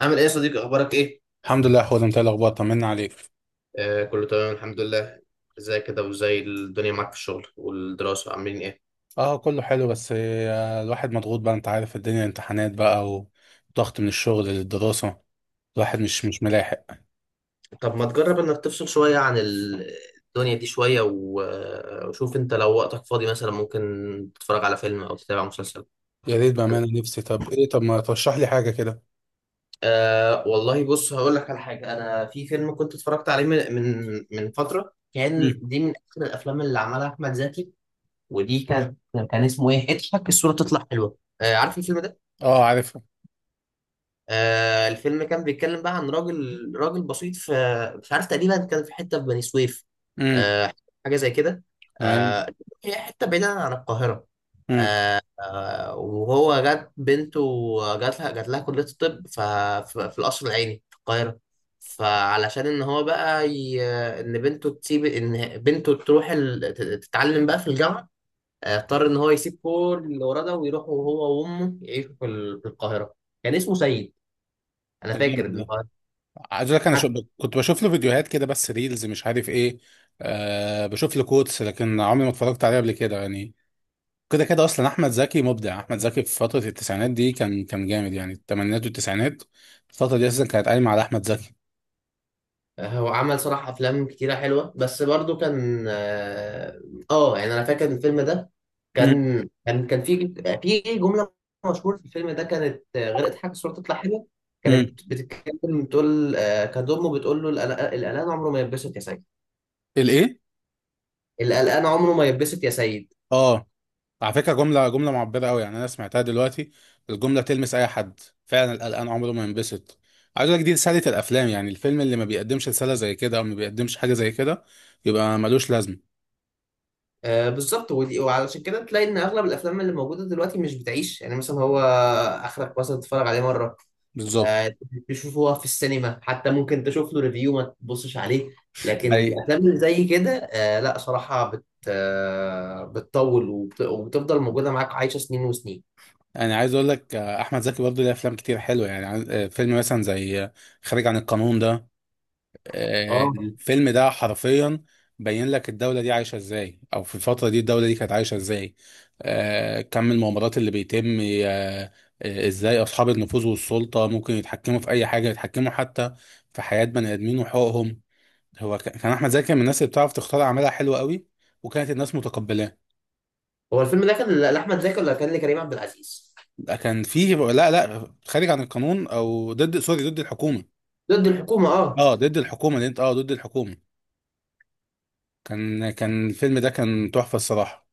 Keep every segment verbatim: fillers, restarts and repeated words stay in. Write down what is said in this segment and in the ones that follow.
عامل ايه يا صديقي، اخبارك ايه؟ الحمد لله، حوده. انت ايه الاخبار؟ طمنا عليك. آه، كله تمام الحمد لله. ازاي كده، وازاي الدنيا معاك في الشغل والدراسة، عاملين ايه؟ اه، كله حلو، بس آه، الواحد مضغوط بقى، انت عارف، الدنيا امتحانات بقى. وضغط من الشغل للدراسة. الواحد مش مش ملاحق. طب ما تجرب انك تفصل شوية عن ال- الدنيا دي شوية، و- وشوف انت، لو وقتك فاضي مثلا ممكن تتفرج على فيلم او تتابع مسلسل. يا ريت، بأمانة نفسي. طب ايه، طب ما ترشح لي حاجة كده؟ آه، والله بص، هقول لك على حاجة. انا في فيلم كنت اتفرجت عليه من من من فترة، كان امم. دي من اخر الافلام اللي عملها احمد زكي. ودي كان، كان اسمه ايه؟ اضحك الصورة تطلع حلوة. آه، عارف الفيلم ده؟ اه، عارفها. آه، الفيلم كان بيتكلم بقى عن راجل، راجل بسيط في، مش عارف، تقريبا كان في حته في بني سويف. امم. آه، حاجه زي كده. تمام. آه، هي حته بعيده عن القاهره. امم. آه، وهو جات بنته، جات لها جات لها كليه الطب ف- ف- في القصر العيني في القاهره. فعلشان ان هو بقى ي... ان بنته تسيب ان بنته تروح ال... تت- تتعلم بقى في الجامعه، آه، اضطر ان هو يسيب كل اللي وراه ده ويروح هو وامه يعيشوا في ال- في القاهره. كان اسمه سيد. انا ده فاكر جامد ان ده. هو عايز اقول لك، انا شو حتى، كنت بشوف له فيديوهات كده، بس ريلز مش عارف ايه. آه بشوف له كوتس، لكن عمري ما اتفرجت عليه قبل كده يعني. كده كده، اصلا احمد زكي مبدع. احمد زكي في فتره التسعينات دي كان كان جامد، يعني الثمانينات والتسعينات، الفتره دي اساسا كانت قايمه على احمد زكي. هو عمل صراحة أفلام كتيرة حلوة، بس برضو كان آه آه، يعني أنا فاكر الفيلم ده امم. كان، كان كان في، في جملة مشهورة في الفيلم ده، كانت، آه، غير اضحك الصورة تطلع حلوة، امم. كانت بتتكلم بتقول، آه، كانت أمه بتقول له القلق- القلقان عمره ما يتبسط يا سيد. الايه؟ القلقان عمره ما يتبسط يا سيد. اه. على فكره جمله جمله معبره قوي، يعني انا سمعتها دلوقتي، الجمله تلمس اي حد. فعلا القلقان عمره ما ينبسط. عايز اقول لك، دي رساله الافلام. يعني الفيلم اللي ما بيقدمش رساله زي كده، او ما بيقدمش حاجه زي كده، يبقى ملوش لازمه. آه، بالظبط. ودي- وعلشان كده تلاقي إن أغلب الأفلام اللي موجودة دلوقتي مش بتعيش، يعني مثلا هو آخرك مثلا تتفرج عليه مرة، بالظبط. آه، تشوفه في السينما، حتى ممكن تشوف له ريفيو ما تبصش عليه. لكن اي، الافلام اللي زي كده، آه، لا صراحه بت آه، بتطول، وبت- وبتفضل موجوده معاك عايشه سنين وسنين. انا عايز اقول لك، آه، احمد زكي برضه ليه افلام كتير حلوه، يعني عن- آه، فيلم مثلا زي آه، خارج عن القانون ده. آه، اه. الفيلم ده حرفيا بين لك الدولة دي عايشة ازاي، او في الفترة دي الدولة دي كانت عايشة ازاي. آه، كم المؤامرات اللي بيتم. آه، آه، ازاي اصحاب النفوذ والسلطة ممكن يتحكموا في اي حاجة، يتحكموا حتى في حياة بني ادمين وحقوقهم. هو ك- كان احمد زكي من الناس اللي بتعرف تختار اعمالها، حلوة قوي، وكانت الناس متقبلاه. هو الفيلم ده كان ل- لاحمد زكي ولا كان لكريم عبد العزيز؟ ده كان فيه، لا لا، خارج عن القانون، او ضد، سوري، ضد الحكومة. ضد الحكومه، اه. اه، ضد الحكومة اللي انت، اه، ضد الحكومة. كان كان الفيلم ده كان تحفة الصراحة.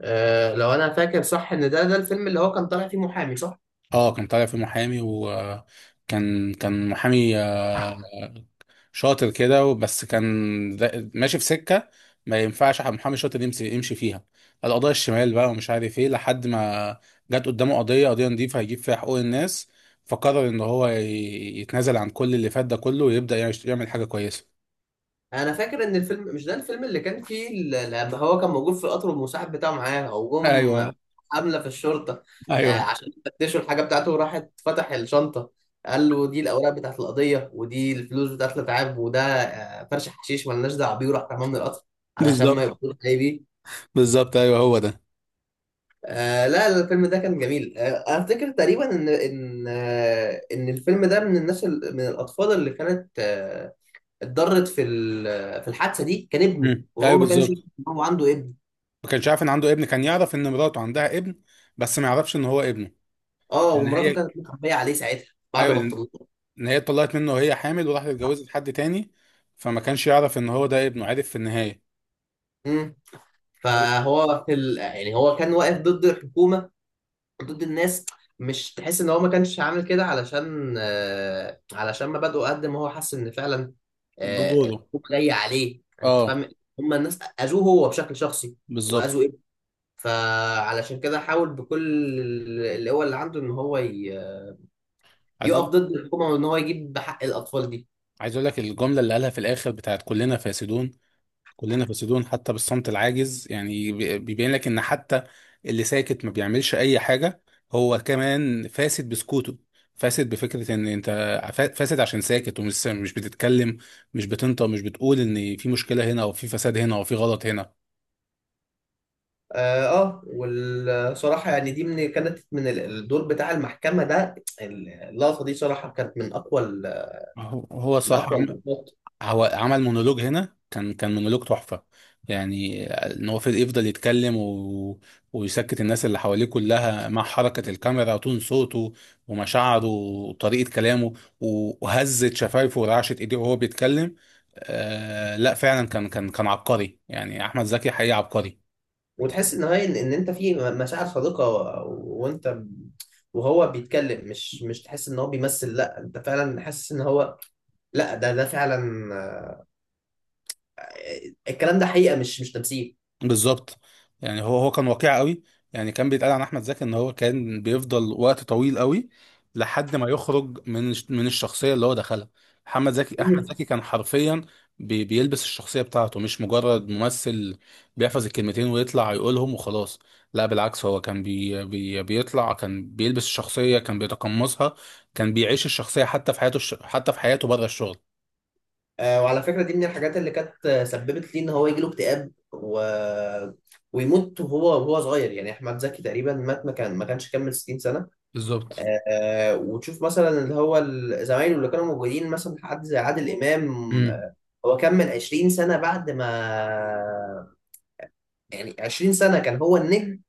آه، لو انا فاكر صح، ان ده ده الفيلم اللي هو كان طالع فيه محامي، صح؟ اه، كان طالع في محامي، وكان كان محامي شاطر كده بس كان، دا- ماشي في سكة. ما ينفعش حد- محامي شاطر يمشي يمشي فيها القضايا الشمال بقى ومش عارف ايه، لحد ما جت قدامه قضية قضية نضيفة هيجيب فيها حقوق الناس. فقرر ان هو ي- يتنازل عن كل اللي فات ده كله، ويبدأ يعيش- يعمل حاجة كويسة. انا فاكر ان الفيلم، مش ده الفيلم اللي كان فيه ال- لما هو كان موجود في القطر، والمساعد بتاعه معاه، وجم ايوه، حمله في الشرطه، ايوه. آه، عشان يفتشوا الحاجه بتاعته، وراحت فتح الشنطه، قال له دي الاوراق بتاعت القضيه، ودي الفلوس بتاعت الاتعاب، وده آه، فرش حشيش ملناش دعوه بيه، وراح رماه من القطر علشان ما بالظبط. يبقوش جاي بيه. بالظبط، ايوه هو ده. آه لا لا، الفيلم ده كان جميل. آه، افتكر تقريبا ان، ان آه ان الفيلم ده من الناس، ال- من الاطفال اللي كانت، آه، اتضرت في ال- في الحادثه دي، كان ابنه، مم. وهو ايوه، ما كانش يعرف بالظبط. ان هو عنده ابن. ما كانش عارف ان عنده ابن، كان يعرف ان مراته عندها ابن، بس ما يعرفش ان هو ابنه. اه، ان ومراته هي. كانت مخبيه عليه ساعتها بعد ايوه. ما اتطلقوا. ان هي اتطلقت منه وهي حامل، وراحت اتجوزت حد تاني، فما كانش يعرف ان هو ده ابنه، عارف، في النهايه. امم. ده فهو في ال... يعني هو كان واقف ضد الحكومه، ضد الناس. مش تحس ان هو ما كانش عامل كده علشان آه علشان مبادئه، قد ما هو حس ان فعلا، ده آه دوره. الحكومه جايه عليه، انت اه. فاهم؟ هم الناس اذوه هو بشكل شخصي، بالظبط. واذوا ابنه، فعلشان كده حاول بكل ال- القوة اللي عنده ان هو ي... عايز يقف اقول ضد الحكومة، وإن هو يجيب حق الأطفال دي. عايز اقول لك الجمله اللي قالها في الاخر، بتاعت كلنا فاسدون. كلنا فاسدون حتى بالصمت العاجز، يعني بي- بيبين لك ان حتى اللي ساكت ما بيعملش اي حاجه، هو كمان فاسد بسكوته، فاسد بفكره ان انت فا- فاسد عشان ساكت ومش مش بتتكلم، مش بتنطق، مش بتقول ان في مشكله هنا، او في فساد هنا، او في غلط هنا. آه آه، والصراحة يعني دي، من كانت من ال- الدور بتاع المحكمة ده، ال- اللقطة دي صراحة كانت من أقوى، ال- هو هو من صح. أقوى اللقطات. هو عمل مونولوج هنا، كان كان مونولوج تحفة. يعني ان هو في- يفضل يتكلم، و... ويسكت الناس اللي حواليه كلها، مع حركة الكاميرا وتون صوته ومشاعره وطريقة كلامه، و- وهزت شفايفه ورعشت ايديه وهو بيتكلم. آه لا، فعلا كان كان كان عبقري، يعني احمد زكي حقيقي عبقري. وتحس إن هي، إن إن أنت في مشاعر صادقة، و- وأنت ب- وهو بيتكلم. مش مش تحس إن هو بيمثل، لا أنت فعلا حاسس إن هو، لا ده، ده فعلا، آه، الكلام ده حقيقة، مش مش تمثيل. بالظبط، يعني هو هو كان واقعي قوي. يعني كان بيتقال عن احمد زكي ان هو كان بيفضل وقت طويل قوي لحد ما يخرج من الش- من الشخصيه اللي هو دخلها. محمد زكي احمد زكي كان حرفيا بي بيلبس الشخصيه بتاعته، مش مجرد ممثل بيحفظ الكلمتين ويطلع يقولهم وخلاص. لا بالعكس، هو كان بي بي بيطلع، كان بيلبس الشخصيه، كان بيتقمصها، كان بيعيش الشخصيه حتى في حياته الش- حتى في حياته بره الشغل. آه، وعلى فكرة دي من الحاجات اللي كانت، آه، سببت لي ان هو يجيله اكتئاب و... ويموت وهو وهو صغير. يعني احمد زكي تقريبا مات، ما كان ما كانش كمل ستين سنة. بالظبط، آه، آه، وتشوف مثلا اللي هو ال- زمايله اللي كانوا موجودين، مثلا حد زي عادل امام، آه، هو كمل عشرين سنة بعد ما، يعني عشرين سنة كان هو النجم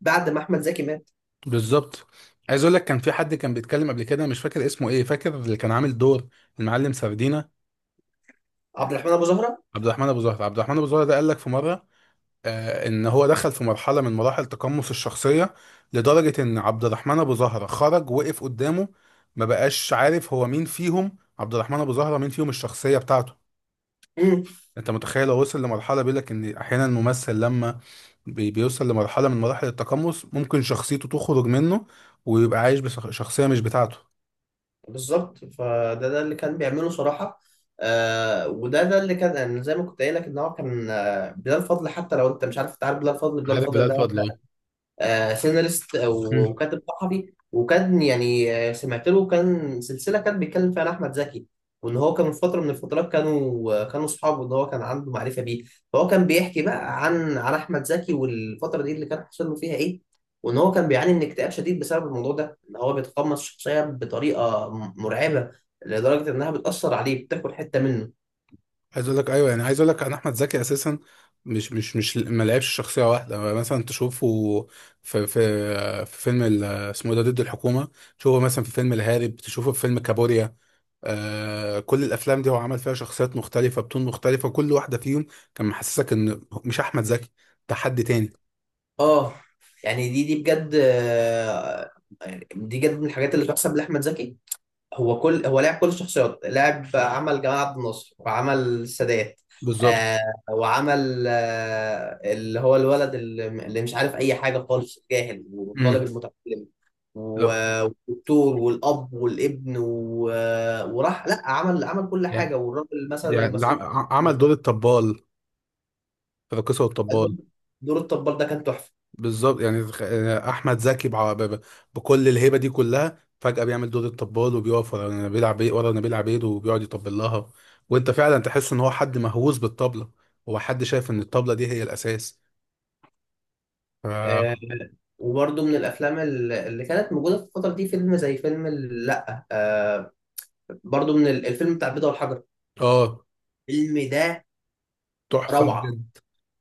بعد ما احمد زكي مات. بالظبط. عايز اقول لك، كان في حد كان بيتكلم قبل كده، مش فاكر اسمه ايه، فاكر اللي كان عامل دور المعلم سردينة. عبد الرحمن ابو زهرة. عبد الرحمن ابو زهر، عبد الرحمن ابو زهر ده قال لك في مره، آه ان هو دخل في مرحله من مراحل تقمص الشخصيه، لدرجه ان عبد الرحمن ابو زهر خرج وقف قدامه، ما بقاش عارف هو مين فيهم، عبد الرحمن ابو زهر مين فيهم الشخصيه بتاعته. انت متخيل؟ هو وصل لمرحله، بيقول لك ان احيانا الممثل لما بي- بيوصل لمرحله من مراحل التقمص، ممكن شخصيته تخرج منه ويبقى عايش بشخصيه مش بتاعته. بالظبط، فده ده اللي كان بيعمله صراحة. آه، وده ده اللي كان، يعني زي ما كنت قايل لك ان هو كان، آه، بلال فضل، حتى لو انت مش عارف، تعرف بلال فضل. بلال عارف بلال فضل فضل، اه. آه سيناريست او مم. وكاتب صحفي، وكان يعني، آه، سمعت له كان سلسله كان بيتكلم فيها عن احمد زكي، وان هو كان في فتره من الفترات كانوا، آه، كانوا اصحابه، ان هو كان عنده معرفه بيه. فهو كان بيحكي بقى عن، عن احمد زكي والفتره دي اللي كان حصل له فيها ايه، وان هو كان بيعاني من اكتئاب شديد بسبب الموضوع ده، ان هو بيتقمص الشخصيه بطريقه، م- مرعبه، لدرجه انها بتاثر عليه، بتاكل حته منه. عايز اقول لك، ايوه، يعني عايز اقول لك، انا احمد زكي اساسا مش مش مش ما لعبش شخصيه واحده، مثلا تشوفه في في في فيلم ال- اسمه إيه ده؟ ضد الحكومه. تشوفه مثلا في فيلم الهارب، تشوفه في فيلم كابوريا. آه كل الافلام دي هو عمل فيها شخصيات مختلفه، بتون مختلفه، كل واحده فيهم كان محسسك ان مش احمد زكي، ده حد تاني. اه، يعني دي دي بجد، آه، يعني دي بجد من الحاجات اللي تحسب لاحمد زكي. هو كل هو لعب كل الشخصيات، لعب عمل جمال عبد الناصر، وعمل السادات، بالظبط. آه، وعمل آه اللي هو الولد، اللي اللي مش عارف اي حاجه خالص جاهل، والطالب امم. المتعلم، لا. و- والدكتور والاب والابن و... وراح لا، عمل عمل كل يعني حاجه، والراجل مثلا يعني المسؤول، الع- ع- عمل دور الطبال في الراقصه والطبال. دور الطبال ده كان تحفه. بالظبط، يعني تخ- يعني احمد زكي بع- ب- ب- بكل الهيبه دي كلها، فجاه بيعمل دور الطبال، وبيقف ورا نبيل عبيد، ورا نبيل عبيد، وبيقعد يطبل لها، وانت فعلا تحس ان هو حد مهووس بالطبله، هو حد شايف ان الطبله دي هي الاساس. ف... آه، وبرده من الافلام ال- اللي كانت موجوده في الفتره دي، فيلم زي فيلم ال- لا آه برده من ال- الفيلم بتاع البيضه والحجر. اه. الفيلم ده تحفه روعه. بجد.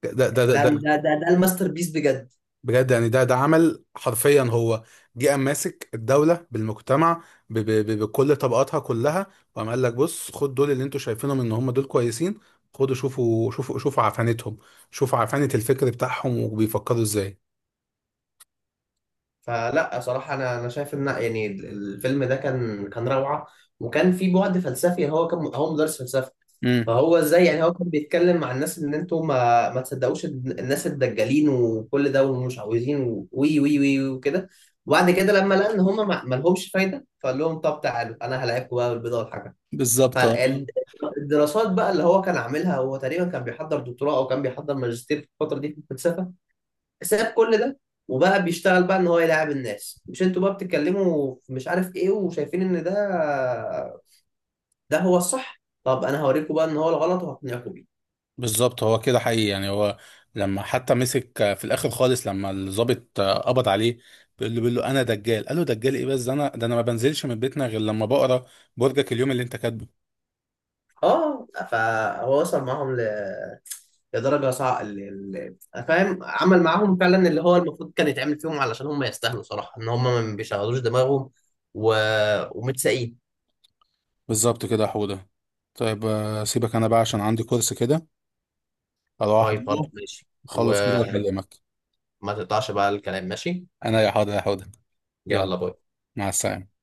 ده ده ده ده ده ده ده, ده الماستر بيس بجد. بجد، يعني ده ده عمل حرفيا، هو جه قام ماسك الدولة بالمجتمع ب ب ب بكل طبقاتها كلها، وقام قال لك بص، خد دول اللي انتوا شايفينهم ان هم دول كويسين، خدوا شوفوا، شوفوا، شوفوا عفانتهم، شوفوا عفانة الفكر بتاعهم وبيفكروا ازاي. فلا صراحه، انا انا شايف ان، يعني الفيلم ده كان، كان روعه، وكان في بعد فلسفي. يعني هو كان، هو مدرس فلسفه. امم. فهو ازاي، يعني هو كان بيتكلم مع الناس ان انتوا ما ما تصدقوش الن- الناس الدجالين وكل ده، ومش عاوزين و- وي وي وي وكده. وبعد كده لما لقى ان هم ما ما لهمش فايده، فقال لهم طب تعالوا انا هلاعبكم بقى بالبيضه والحاجه. بالظبط، هو. فالدراسات بقى اللي هو كان عاملها، هو تقريبا كان بيحضر دكتوراه او كان بيحضر ماجستير في الفتره دي في الفلسفه، ساب كل ده، وبقى بيشتغل بقى ان هو يلاعب الناس. مش انتوا بقى بتتكلموا في مش عارف ايه، وشايفين ان ده ده هو الصح؟ طب انا هوريكم بقى ان هو الغلط، وهقنعكم بيه. بالظبط، هو كده حقيقي، يعني هو لما حتى مسك، آه، في الاخر خالص، لما الضابط، آه، قبض عليه، بيقول له بيقول له انا دجال، قال له دجال ايه بس؟ ده انا ده انا ما بنزلش من بيتنا غير لما بقرا برجك اليوم اللي انت كاتبه. اه، فهو وصل معاهم ل... لدرجه صعبه ال... ال... فاهم، عمل معاهم فعلا اللي هو المفروض كان يتعمل فيهم، علشان هم يستاهلوا صراحه ان هم ما بيشغلوش دماغهم و... ومتساقين. بالظبط كده يا حودة. طيب، آه، سيبك انا بقى عشان عندي كورس كده اروح طيب خلاص احضره، ماشي، اخلص كده وما واكلمك. تقطعش بقى الكلام، ماشي. انا، يا حاضر يا حودة. يلا يلا. باي. مع السلامة.